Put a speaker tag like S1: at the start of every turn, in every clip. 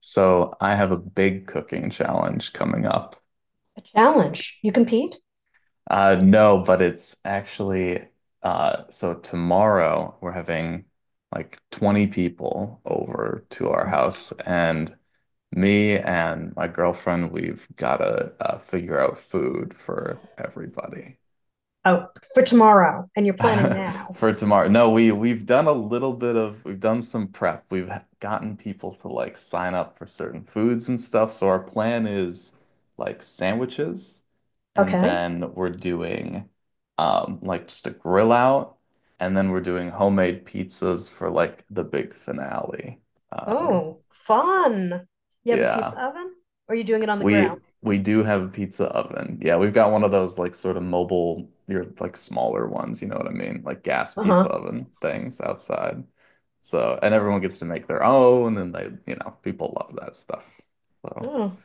S1: So I have a big cooking challenge coming up.
S2: Challenge. You compete?
S1: No, but it's actually so tomorrow we're having like 20 people over to our house, and me and my girlfriend, we've gotta figure out food for everybody.
S2: Oh, for tomorrow, and you're planning now.
S1: For tomorrow. No, we've done a little bit of we've done some prep. We've gotten people to like sign up for certain foods and stuff. So our plan is like sandwiches, and
S2: Okay.
S1: then we're doing like just a grill out, and then we're doing homemade pizzas for like the big finale. Um
S2: Oh, fun. You have a pizza
S1: yeah.
S2: oven, or are you doing it on the grill?
S1: We do have a pizza oven. Yeah, we've got one of those like sort of mobile, your like smaller ones, you know what I mean? Like gas pizza
S2: Uh-huh.
S1: oven things outside. So, and everyone gets to make their own, and they, you know, people love that stuff. So,
S2: Oh,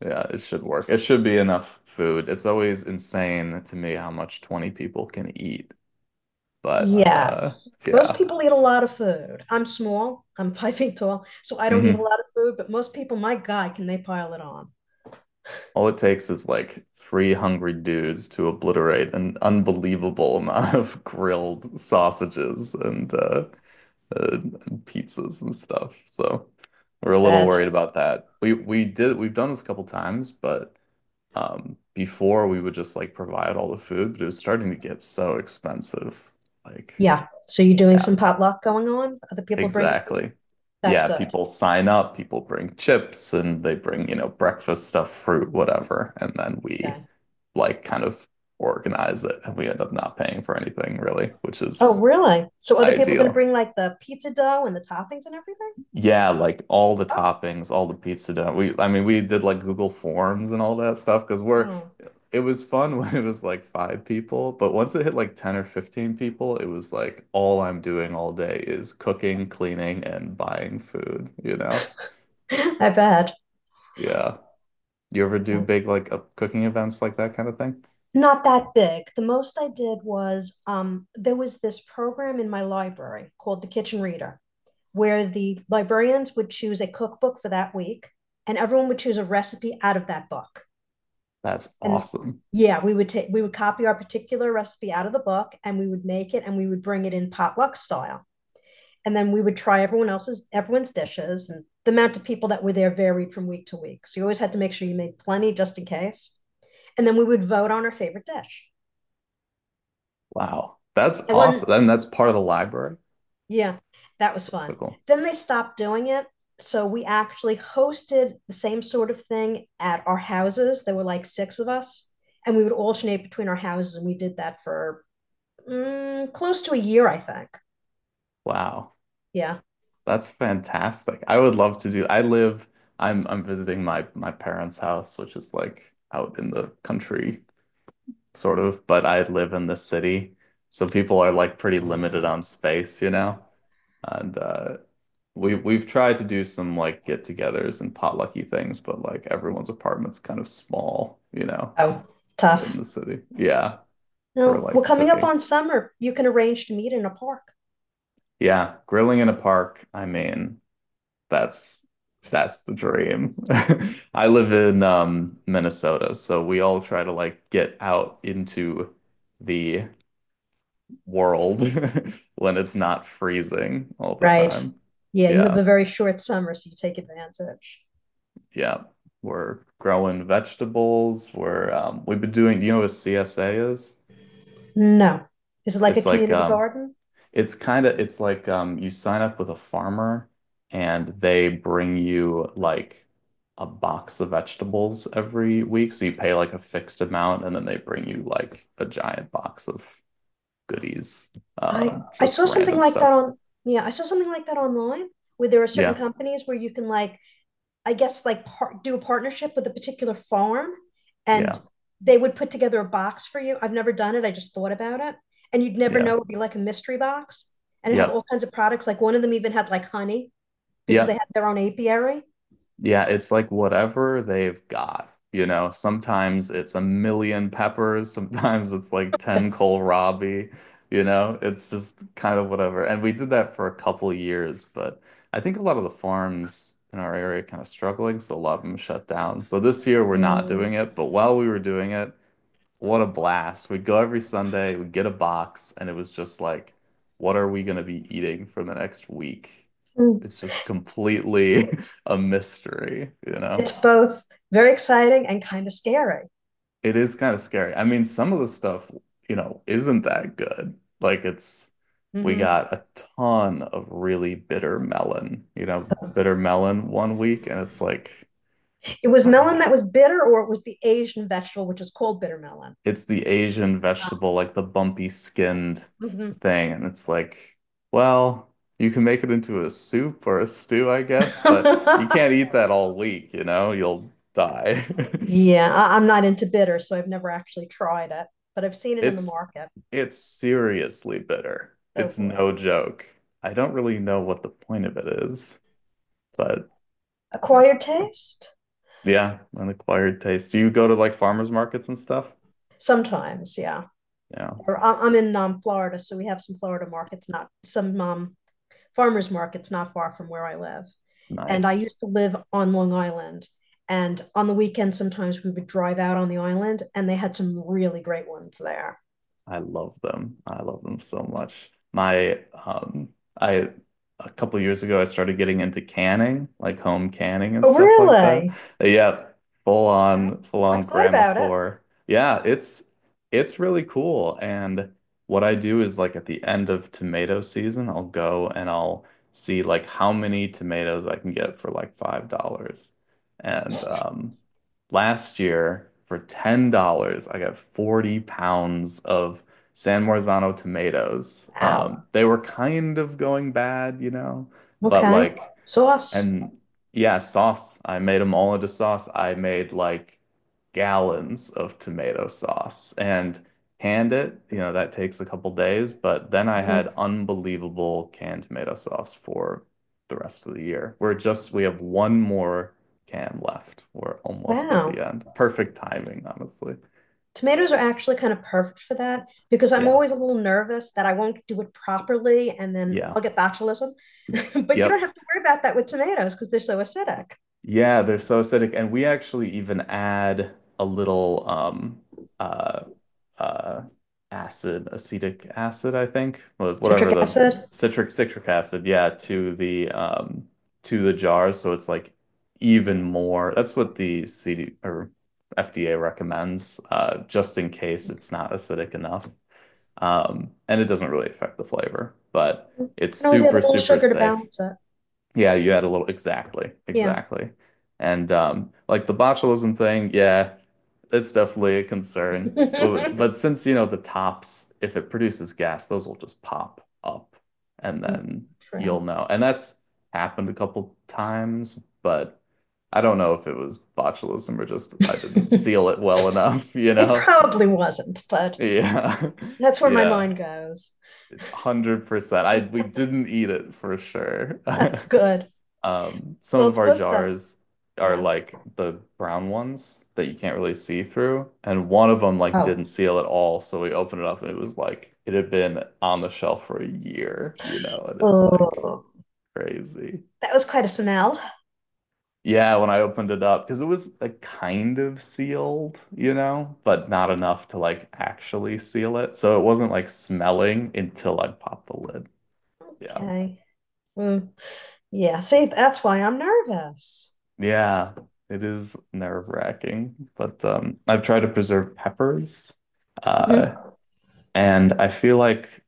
S1: yeah, it should work. It should be enough food. It's always insane to me how much 20 people can eat, but
S2: yes. Most
S1: yeah.
S2: people eat a lot of food. I'm small. I'm 5 feet tall, so I don't eat a
S1: Mhm.
S2: lot of food, but most people, my God, can they pile it on?
S1: All it takes is like three hungry dudes to obliterate an unbelievable amount of grilled sausages and uh, pizzas and stuff. So we're a little worried
S2: But
S1: about that. We did we've done this a couple times, but before, we would just like provide all the food, but it was starting to get so expensive. Like,
S2: yeah. So you're doing
S1: yeah,
S2: some potluck going on? Other people bring food?
S1: exactly.
S2: That's
S1: Yeah,
S2: good.
S1: people sign up, people bring chips and they bring, you know, breakfast stuff, fruit, whatever, and then we
S2: Okay.
S1: like kind of organize it and we end up not paying for anything really, which
S2: Oh,
S1: is
S2: really? So other people going to
S1: ideal.
S2: bring like the pizza dough and the toppings and everything?
S1: Yeah, like all the
S2: Oh.
S1: toppings, all the pizza dough. We I mean we did like Google Forms and all that stuff because we're,
S2: Mm.
S1: it was fun when it was like five people, but once it hit like 10 or 15 people, it was like all I'm doing all day is cooking, cleaning, and buying food, you know?
S2: I bet.
S1: Yeah. You ever do
S2: Yeah.
S1: big like cooking events like that kind of thing?
S2: Not that big. The most I did was there was this program in my library called the Kitchen Reader, where the librarians would choose a cookbook for that week, and everyone would choose a recipe out of that book.
S1: That's
S2: And
S1: awesome.
S2: yeah, we would copy our particular recipe out of the book, and we would make it, and we would bring it in potluck style. And then we would try everyone's dishes, and the amount of people that were there varied from week to week. So you always had to make sure you made plenty just in case. And then we would vote on our favorite dish.
S1: Wow. That's
S2: I won.
S1: awesome. And that's part of the library.
S2: Yeah, that was
S1: That's so
S2: fun.
S1: cool.
S2: Then they stopped doing it. So we actually hosted the same sort of thing at our houses. There were like six of us, and we would alternate between our houses. And we did that for close to a year, I think.
S1: Wow.
S2: Yeah.
S1: That's fantastic. I would love to do. I live I'm visiting my parents' house, which is like out in the country sort of, but I live in the city. So people are like pretty limited on space, you know? And we've tried to do some like get-togethers and potlucky things, but like everyone's apartment's kind of small, you know,
S2: Oh,
S1: in
S2: tough.
S1: the city. Yeah, for
S2: No, we're
S1: like
S2: coming up
S1: cooking.
S2: on summer. You can arrange to meet in a park.
S1: Yeah, grilling in a park, I mean That's that's the dream. I live in Minnesota, so we all try to like get out into the world when it's not freezing all the
S2: Right.
S1: time.
S2: Yeah, you have
S1: Yeah.
S2: a very short summer, so you take advantage.
S1: Yeah. We're growing vegetables. We've been doing, do you know what CSA is?
S2: No. Is it like a
S1: It's like
S2: community garden?
S1: it's kind of it's like you sign up with a farmer and they bring you
S2: Oh,
S1: like a box of vegetables every week. So you pay like a fixed amount and then they bring you like a giant box of goodies,
S2: I I
S1: just
S2: saw something
S1: random
S2: like that
S1: stuff.
S2: on yeah, I saw something like that online where there are certain
S1: Yeah,
S2: companies where you can like I guess like par do a partnership with a particular farm, and
S1: yeah,
S2: they would put together a box for you. I've never done it. I just thought about it. And you'd never know,
S1: yeah,
S2: it'd be like a mystery box and it'd have all
S1: yep,
S2: kinds of products. Like one of them even had like honey because they had
S1: yep.
S2: their own apiary.
S1: Yeah, it's like whatever they've got. You know, sometimes it's a million peppers, sometimes it's like 10 kohlrabi, you know, it's just kind of whatever. And we did that for a couple years, but I think a lot of the farms in our area are kind of struggling, so a lot of them shut down. So this year we're not doing
S2: Mm.
S1: it, but while we were doing it, what a blast. We'd go every Sunday, we'd get a box, and it was just like, what are we going to be eating for the next week?
S2: Mm.
S1: It's just completely a mystery, you know?
S2: It's both very exciting and kind of scary.
S1: It is kind of scary. I mean, some of the stuff, you know, isn't that good. Like we
S2: Mhm.
S1: got a ton of really bitter melon, you know, bitter melon 1 week, and it's like,
S2: It was
S1: not
S2: melon that
S1: really
S2: was bitter or it was the Asian vegetable which is called bitter melon.
S1: it's the Asian vegetable, like the bumpy skinned
S2: Mhm.
S1: thing. And it's like, well, you can make it into a soup or a stew, I guess, but you can't eat that all week, you know? You'll die.
S2: Yeah, I'm not into bitter, so I've never actually tried it, but I've seen it in the
S1: It's
S2: market.
S1: it's seriously bitter.
S2: Oh
S1: It's
S2: boy.
S1: no joke. I don't really know what the point of it is, but
S2: Acquired taste?
S1: yeah, an acquired taste. Do you go to like farmers markets and stuff?
S2: Sometimes, yeah.
S1: Yeah,
S2: I'm in Florida, so we have some Florida markets, not some farmers markets not far from where I live. And I
S1: nice.
S2: used to live on Long Island. And on the weekend, sometimes we would drive out on the island, and they had some really great ones there.
S1: I love them. I love them so much. My I a couple years ago I started getting into canning, like home canning and
S2: Oh,
S1: stuff like that.
S2: really?
S1: But yeah,
S2: Okay.
S1: full
S2: I've
S1: on
S2: thought about it.
S1: Grammacore. Yeah, it's really cool. And what I do is like at the end of tomato season, I'll go and I'll see like how many tomatoes I can get for like $5. And last year for $10, I got 40 pounds of San Marzano tomatoes.
S2: Wow.
S1: They were kind of going bad, you know, but
S2: Okay.
S1: like
S2: Sauce.
S1: and yeah, sauce. I made them all into sauce. I made like gallons of tomato sauce and canned it. You know, that takes a couple days, but then I had
S2: Mhm.
S1: unbelievable canned tomato sauce for the rest of the year. We have one more can left. We're almost at
S2: Wow.
S1: the end. Perfect timing, honestly.
S2: Tomatoes are actually kind of perfect for that because I'm
S1: Yeah.
S2: always a little nervous that I won't do it properly and then
S1: Yeah.
S2: I'll get botulism. But you don't
S1: Yep.
S2: have to worry about that with tomatoes because they're so acidic.
S1: Yeah, they're so acidic, and we actually even add a little uh uh acetic acid, I think,
S2: Citric
S1: whatever the
S2: acid.
S1: citric acid, yeah, to the jars, so it's like even more. That's what the CD or FDA recommends, just in case it's not acidic enough. And it doesn't really affect the flavor, but
S2: You
S1: it's
S2: can always add a
S1: super,
S2: little
S1: super
S2: sugar to
S1: safe.
S2: balance it.
S1: Yeah, you had a little exactly,
S2: Yeah.
S1: exactly. And like the botulism thing, yeah, it's definitely a concern. But since you know the tops, if it produces gas, those will just pop up and then
S2: True.
S1: you'll know. And that's happened a couple times, but I don't know if it was botulism or just I didn't seal it well enough, you
S2: It
S1: know?
S2: probably wasn't, but
S1: Yeah.
S2: that's where my
S1: Yeah.
S2: mind goes.
S1: 100%. I we didn't eat it for sure.
S2: That's good.
S1: Some
S2: Well,
S1: of
S2: it's
S1: our
S2: supposed to.
S1: jars are
S2: Yeah.
S1: like the brown ones that you can't really see through, and one of them like
S2: Oh.
S1: didn't seal at all. So we opened it up, and it was like it had been on the shelf for a year, you know, and it's like
S2: Oh.
S1: crazy.
S2: That was quite a smell.
S1: Yeah, when I opened it up, because it was a kind of sealed, you know, but not enough to like actually seal it. So it wasn't like smelling until I popped the lid. Yeah.
S2: Okay. Mm. Yeah, see, that's why I'm nervous.
S1: Yeah, it is nerve-wracking, but I've tried to preserve peppers,
S2: Mhm.
S1: uh, and I feel like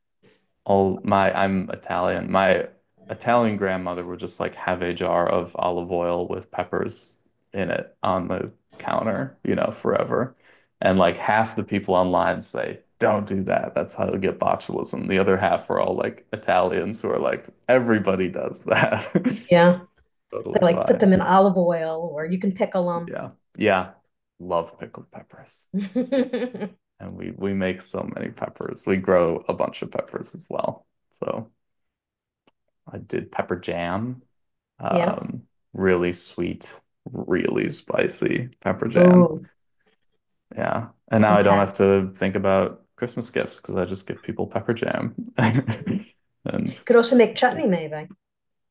S1: all my I'm Italian. My Italian grandmother would just like have a jar of olive oil with peppers in it on the counter, you know, forever. And like half the people online say, "Don't do that. That's how you get botulism." The other half are all like Italians who are like, "Everybody does that."
S2: Yeah, they
S1: Totally
S2: like put
S1: fine.
S2: them in
S1: So.
S2: olive oil or you can pickle
S1: Yeah. Yeah. Love pickled peppers.
S2: them.
S1: And we make so many peppers. We grow a bunch of peppers as well. So I did pepper jam.
S2: Yeah.
S1: Um, really sweet, really spicy pepper jam.
S2: Oh,
S1: Yeah. And now I don't have
S2: intense.
S1: to think about Christmas gifts because I just give people pepper jam. And
S2: Could also make chutney, maybe.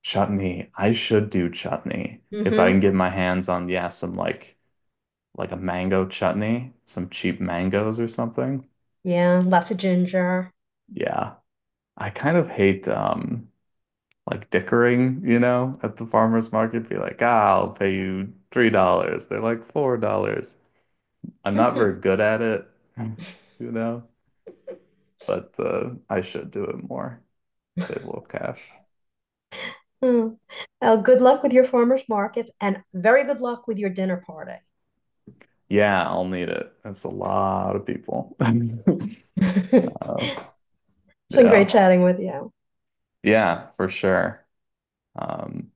S1: chutney. I should do chutney. If I
S2: Mm-hmm.
S1: can get my hands on, yeah, some like a mango chutney, some cheap mangoes or something.
S2: Yeah, lots of ginger.
S1: Yeah. I kind of hate like dickering, you know, at the farmer's market. Be like, ah, I'll pay you $3. They're like $4. I'm not
S2: Yeah.
S1: very good at it, you know, but I should do it more. They love cash.
S2: Hmm. Well, good luck with your farmers markets and very good luck with your dinner party.
S1: Yeah, I'll need it. That's a lot of people.
S2: It's
S1: Uh,
S2: been great
S1: yeah.
S2: chatting with you.
S1: Yeah, for sure. Um